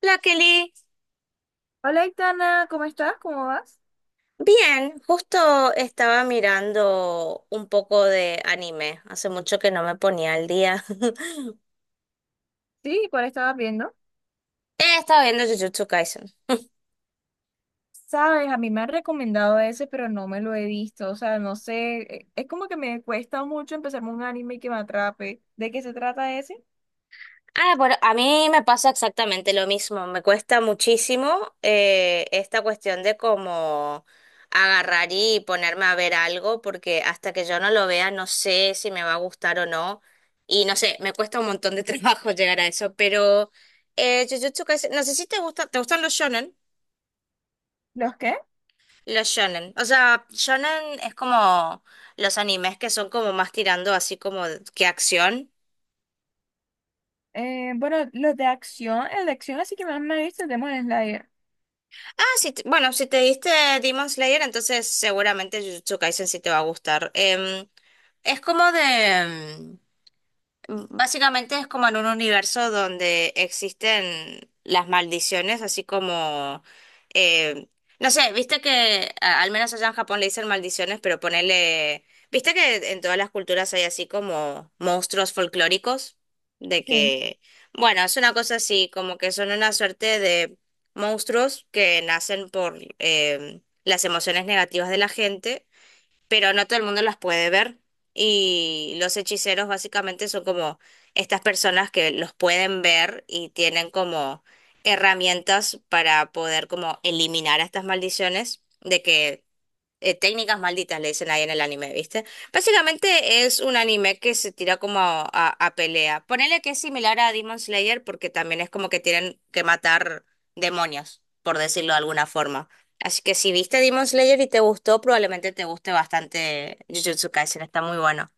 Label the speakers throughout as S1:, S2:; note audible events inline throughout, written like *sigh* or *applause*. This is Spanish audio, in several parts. S1: La Kelly,
S2: Hola, Itana, ¿cómo estás? ¿Cómo vas?
S1: bien, justo estaba mirando un poco de anime. Hace mucho que no me ponía al día. *laughs*
S2: Sí, ¿cuál estabas viendo?
S1: Estaba viendo Jujutsu Kaisen.
S2: Sabes, a mí me han recomendado ese, pero no me lo he visto. O sea, no sé, es como que me cuesta mucho empezarme un anime que me atrape. ¿De qué se trata ese?
S1: Ah, bueno, a mí me pasa exactamente lo mismo. Me cuesta muchísimo esta cuestión de cómo agarrar y ponerme a ver algo, porque hasta que yo no lo vea no sé si me va a gustar o no. Y no sé, me cuesta un montón de trabajo *laughs* llegar a eso, pero Jujutsu Kaisen, no sé si te gusta, ¿te gustan los shonen?
S2: ¿Los qué?
S1: Los shonen. O sea, shonen es como los animes que son como más tirando así como que acción.
S2: Bueno, los de acción, el de acción así que más me he visto es Demon Slayer.
S1: Ah, sí, bueno, si te diste Demon Slayer, entonces seguramente Jujutsu Kaisen sí te va a gustar. Es como de... básicamente es como en un universo donde existen las maldiciones, así como, eh, no sé, viste que al menos allá en Japón le dicen maldiciones, pero ponele, viste que en todas las culturas hay así como monstruos folclóricos, de
S2: Sí.
S1: que, bueno, es una cosa así, como que son una suerte de monstruos que nacen por las emociones negativas de la gente pero no todo el mundo las puede ver. Y los hechiceros básicamente son como estas personas que los pueden ver y tienen como herramientas para poder como eliminar a estas maldiciones, de que técnicas malditas, le dicen ahí en el anime, ¿viste? Básicamente es un anime que se tira como a pelea. Ponele que es similar a Demon Slayer porque también es como que tienen que matar demonios, por decirlo de alguna forma. Así que si viste Demon Slayer y te gustó, probablemente te guste bastante Jujutsu Kaisen, está muy bueno.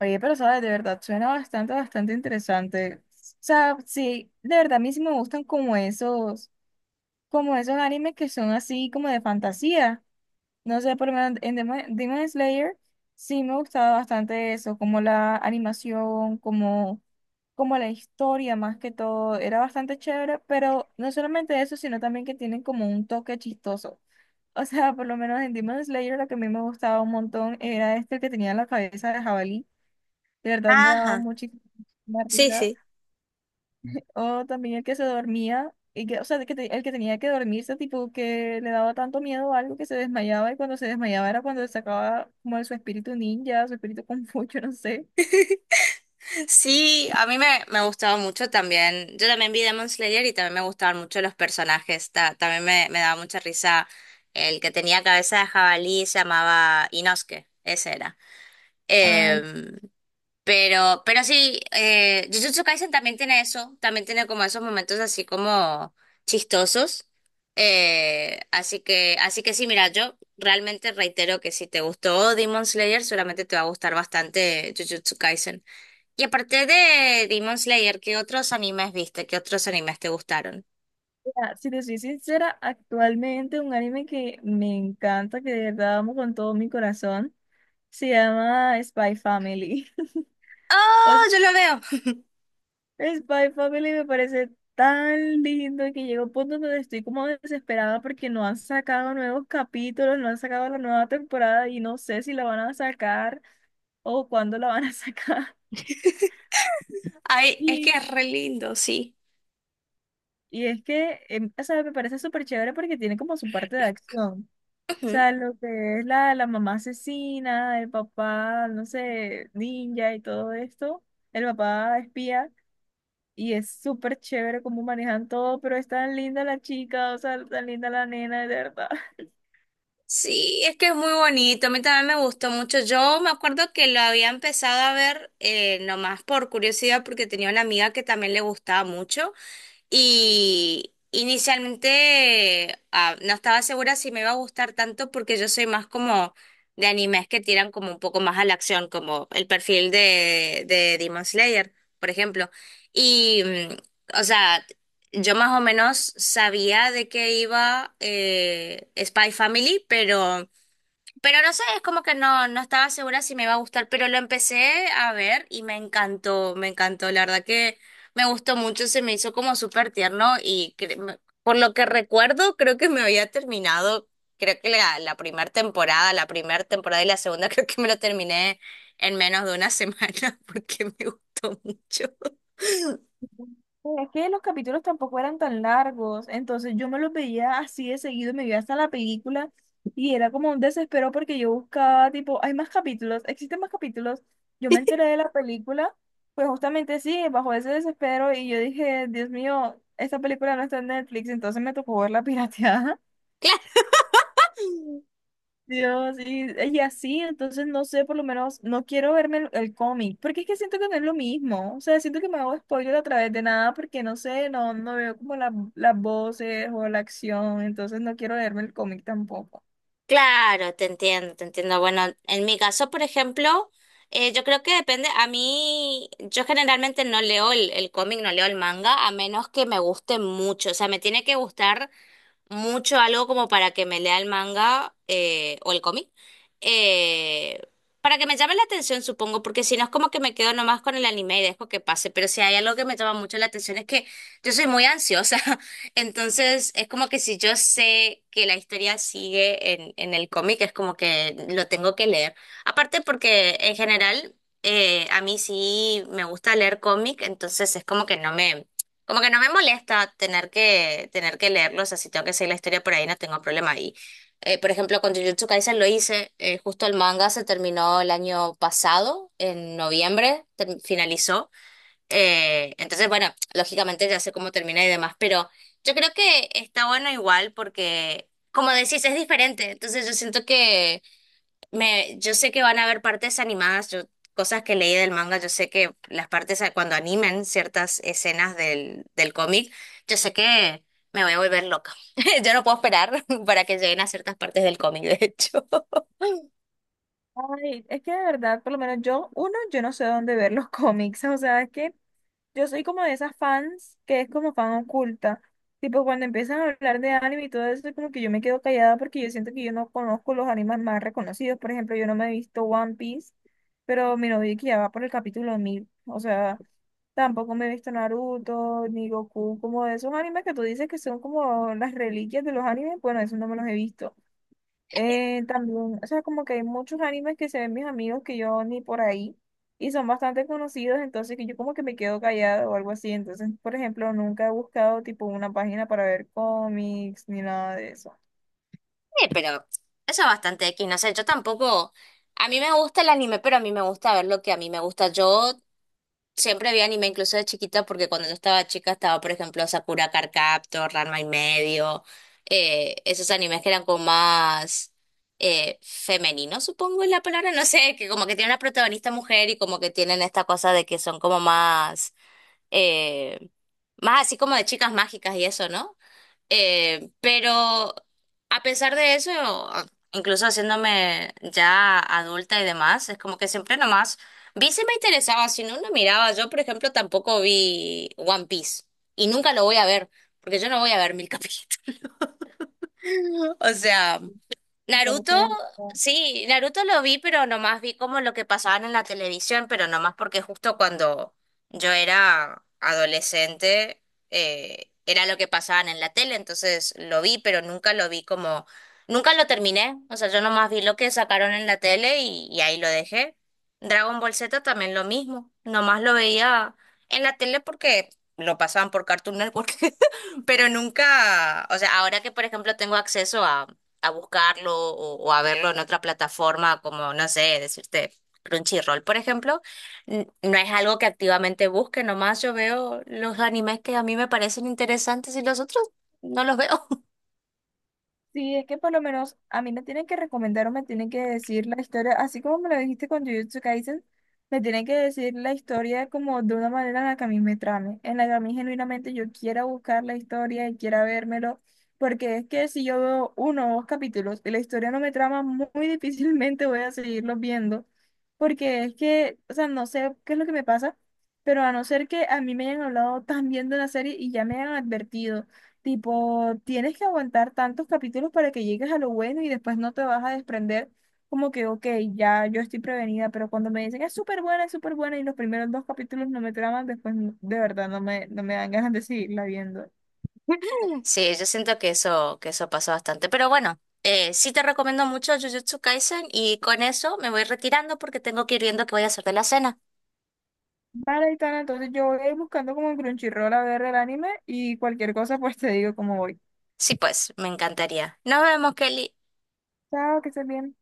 S2: Oye, pero sabes, de verdad, suena bastante, bastante interesante. O sea, sí, de verdad, a mí sí me gustan como esos animes que son así como de fantasía. No sé, por lo menos en Demon Slayer sí me gustaba bastante eso, como la animación, como, como la historia más que todo, era bastante chévere, pero no solamente eso, sino también que tienen como un toque chistoso. O sea, por lo menos en Demon Slayer lo que a mí me gustaba un montón era este que tenía la cabeza de jabalí, de verdad me daba
S1: Ajá.
S2: muchísima
S1: Sí,
S2: risa,
S1: sí.
S2: o también el que se dormía, y que, o sea, el que tenía que dormirse, tipo que le daba tanto miedo a algo que se desmayaba y cuando se desmayaba era cuando sacaba como de su espíritu ninja, su espíritu *laughs* confucho, no sé.
S1: Sí, me gustaba mucho también. Yo también vi Demon Slayer y también me gustaban mucho los personajes. Me daba mucha risa el que tenía cabeza de jabalí, se llamaba Inosuke, ese era.
S2: Ay,
S1: Em, pero sí, Jujutsu Kaisen también tiene eso, también tiene como esos momentos así como chistosos. Así que sí, mira, yo realmente reitero que si te gustó Demon Slayer, seguramente te va a gustar bastante Jujutsu Kaisen. Y aparte de Demon Slayer, ¿qué otros animes viste? ¿Qué otros animes te gustaron?
S2: mira, si te soy sincera, actualmente un anime que me encanta, que de verdad amo con todo mi corazón, se llama Spy Family. *laughs* O
S1: ¡Ah! Yo lo veo.
S2: Spy Family me parece tan lindo que llega un punto donde estoy como desesperada porque no han sacado nuevos capítulos, no han sacado la nueva temporada y no sé si la van a sacar o cuándo la van a *laughs* sacar.
S1: *laughs* Ay, es que
S2: Y,
S1: es re lindo, sí.
S2: y es que, o sea, me parece súper chévere porque tiene como su parte de acción. O
S1: Ujú.
S2: sea, lo que es la mamá asesina, el papá, no sé, ninja y todo esto, el papá espía. Y es súper chévere cómo manejan todo, pero es tan linda la chica, o sea, tan linda la nena, de verdad. *laughs*
S1: Sí, es que es muy bonito. A mí también me gustó mucho. Yo me acuerdo que lo había empezado a ver nomás por curiosidad porque tenía una amiga que también le gustaba mucho. Y inicialmente ah, no estaba segura si me iba a gustar tanto porque yo soy más como de animes que tiran como un poco más a la acción, como el perfil de Demon Slayer, por ejemplo. Y, mm, o sea, yo más o menos sabía de qué iba Spy Family, pero... Pero no sé, es como que no estaba segura si me iba a gustar, pero lo empecé a ver y me encantó, la verdad que me gustó mucho, se me hizo como súper tierno y por lo que recuerdo creo que me había terminado, creo que la primera temporada y la segunda *laughs* creo que me lo terminé en menos de una semana *laughs* porque me gustó mucho. *laughs*
S2: Es que los capítulos tampoco eran tan largos, entonces yo me los veía así de seguido, me veía hasta la película y era como un desespero porque yo buscaba, tipo, hay más capítulos, existen más capítulos. Yo me enteré de la película, pues justamente sí, bajo ese desespero y yo dije, Dios mío, esta película no está en Netflix, entonces me tocó verla *laughs* pirateada.
S1: Claro.
S2: Dios, y así, entonces no sé, por lo menos no quiero verme el cómic, porque es que siento que no es lo mismo, o sea, siento que me hago spoiler a través de nada, porque no sé, no veo como las voces o la acción, entonces no quiero verme el cómic tampoco.
S1: Claro, te entiendo, te entiendo. Bueno, en mi caso, por ejemplo, yo creo que depende. A mí, yo generalmente no leo el cómic, no leo el manga, a menos que me guste mucho. O sea, me tiene que gustar mucho algo como para que me lea el manga o el cómic. eh, para que me llame la atención, supongo, porque si no es como que me quedo nomás con el anime y dejo que pase. Pero si hay algo que me llama mucho la atención es que yo soy muy ansiosa, *laughs* entonces es como que si yo sé que la historia sigue en el cómic, es como que lo tengo que leer. Aparte porque en general a mí sí me gusta leer cómic, entonces es como que como que no me molesta tener que leerlo, o sea, si tengo que seguir la historia por ahí no tengo problema. Y por ejemplo, con Jujutsu Kaisen lo hice, justo el manga se terminó el año pasado, en noviembre, finalizó. Entonces, bueno, lógicamente ya sé cómo termina y demás, pero yo creo que está bueno igual porque, como decís, es diferente. Entonces yo siento que yo sé que van a haber partes animadas, yo, cosas que leí del manga, yo sé que las partes cuando animen ciertas escenas del cómic, yo sé que me voy a volver loca. *laughs* Yo no puedo esperar *laughs* para que lleguen a ciertas partes del cómic, de hecho.
S2: Ay, es que de verdad, por lo menos yo, uno, yo no sé dónde ver los cómics, *laughs* o sea, es que yo soy como de esas fans que es como fan oculta. Tipo, cuando empiezan a hablar de anime y todo eso, como que yo me quedo callada porque yo siento que yo no conozco los animes más reconocidos. Por ejemplo, yo no me he visto One Piece, pero mi novio que ya va por el capítulo 1000. O sea, tampoco me he visto Naruto, ni Goku, como de esos animes que tú dices que son como las reliquias de los animes. Bueno, eso no me los he visto. También, o sea, como que hay muchos animes que se ven mis amigos que yo ni por ahí y son bastante conocidos, entonces que yo como que me quedo callado o algo así. Entonces, por ejemplo, nunca he buscado tipo una página para ver cómics ni nada de eso.
S1: Sí, pero eso es bastante X, no sé, yo tampoco, a mí me gusta el anime, pero a mí me gusta ver lo que a mí me gusta. Yo siempre vi anime incluso de chiquita porque cuando yo estaba chica estaba, por ejemplo, Sakura Card Captor, Ranma y medio, esos animes que eran como más femeninos, supongo es la palabra, no sé, que como que tienen una protagonista mujer y como que tienen esta cosa de que son como más eh, más así como de chicas mágicas y eso, ¿no? Pero a pesar de eso, incluso haciéndome ya adulta y demás, es como que siempre nomás vi si me interesaba, si no, no miraba. Yo, por ejemplo, tampoco vi One Piece y nunca lo voy a ver, porque yo no voy a ver mil capítulos. *laughs* O sea,
S2: Me
S1: Naruto,
S2: parece demasiado.
S1: sí, Naruto lo vi, pero nomás vi como lo que pasaban en la televisión, pero nomás porque justo cuando yo era adolescente era lo que pasaban en la tele, entonces lo vi, pero nunca lo vi como, nunca lo terminé, o sea, yo nomás vi lo que sacaron en la tele y ahí lo dejé. Dragon Ball Z también lo mismo, nomás lo veía en la tele porque lo pasaban por Cartoon Network, *laughs* pero nunca, o sea, ahora que por ejemplo tengo acceso a buscarlo o a verlo en otra plataforma, como, no sé, decirte Crunchyroll, por ejemplo, no es algo que activamente busque, nomás yo veo los animes que a mí me parecen interesantes y los otros no los veo. *laughs*
S2: Sí, es que por lo menos a mí me tienen que recomendar o me tienen que decir la historia, así como me lo dijiste con Jujutsu Kaisen, me tienen que decir la historia como de una manera en la que a mí me trame, en la que a mí genuinamente yo quiera buscar la historia y quiera vérmelo, porque es que si yo veo uno o dos capítulos y la historia no me trama, muy, muy difícilmente voy a seguirlos viendo, porque es que, o sea, no sé qué es lo que me pasa, pero a no ser que a mí me hayan hablado tan bien de la serie y ya me hayan advertido. Tipo, tienes que aguantar tantos capítulos para que llegues a lo bueno y después no te vas a desprender, como que, ok, ya yo estoy prevenida, pero cuando me dicen es súper buena y los primeros dos capítulos no me traman, después de verdad no me, no me dan ganas de seguirla viendo.
S1: Sí, yo siento que eso pasó bastante, pero bueno. Sí te recomiendo mucho Jujutsu Kaisen y con eso me voy retirando porque tengo que ir viendo qué voy a hacer de la cena.
S2: Vale, Itana, entonces yo voy a ir buscando como en Crunchyroll a ver el anime y cualquier cosa pues te digo cómo voy.
S1: Sí, pues, me encantaría. Nos vemos, Kelly.
S2: Chao, que estés bien.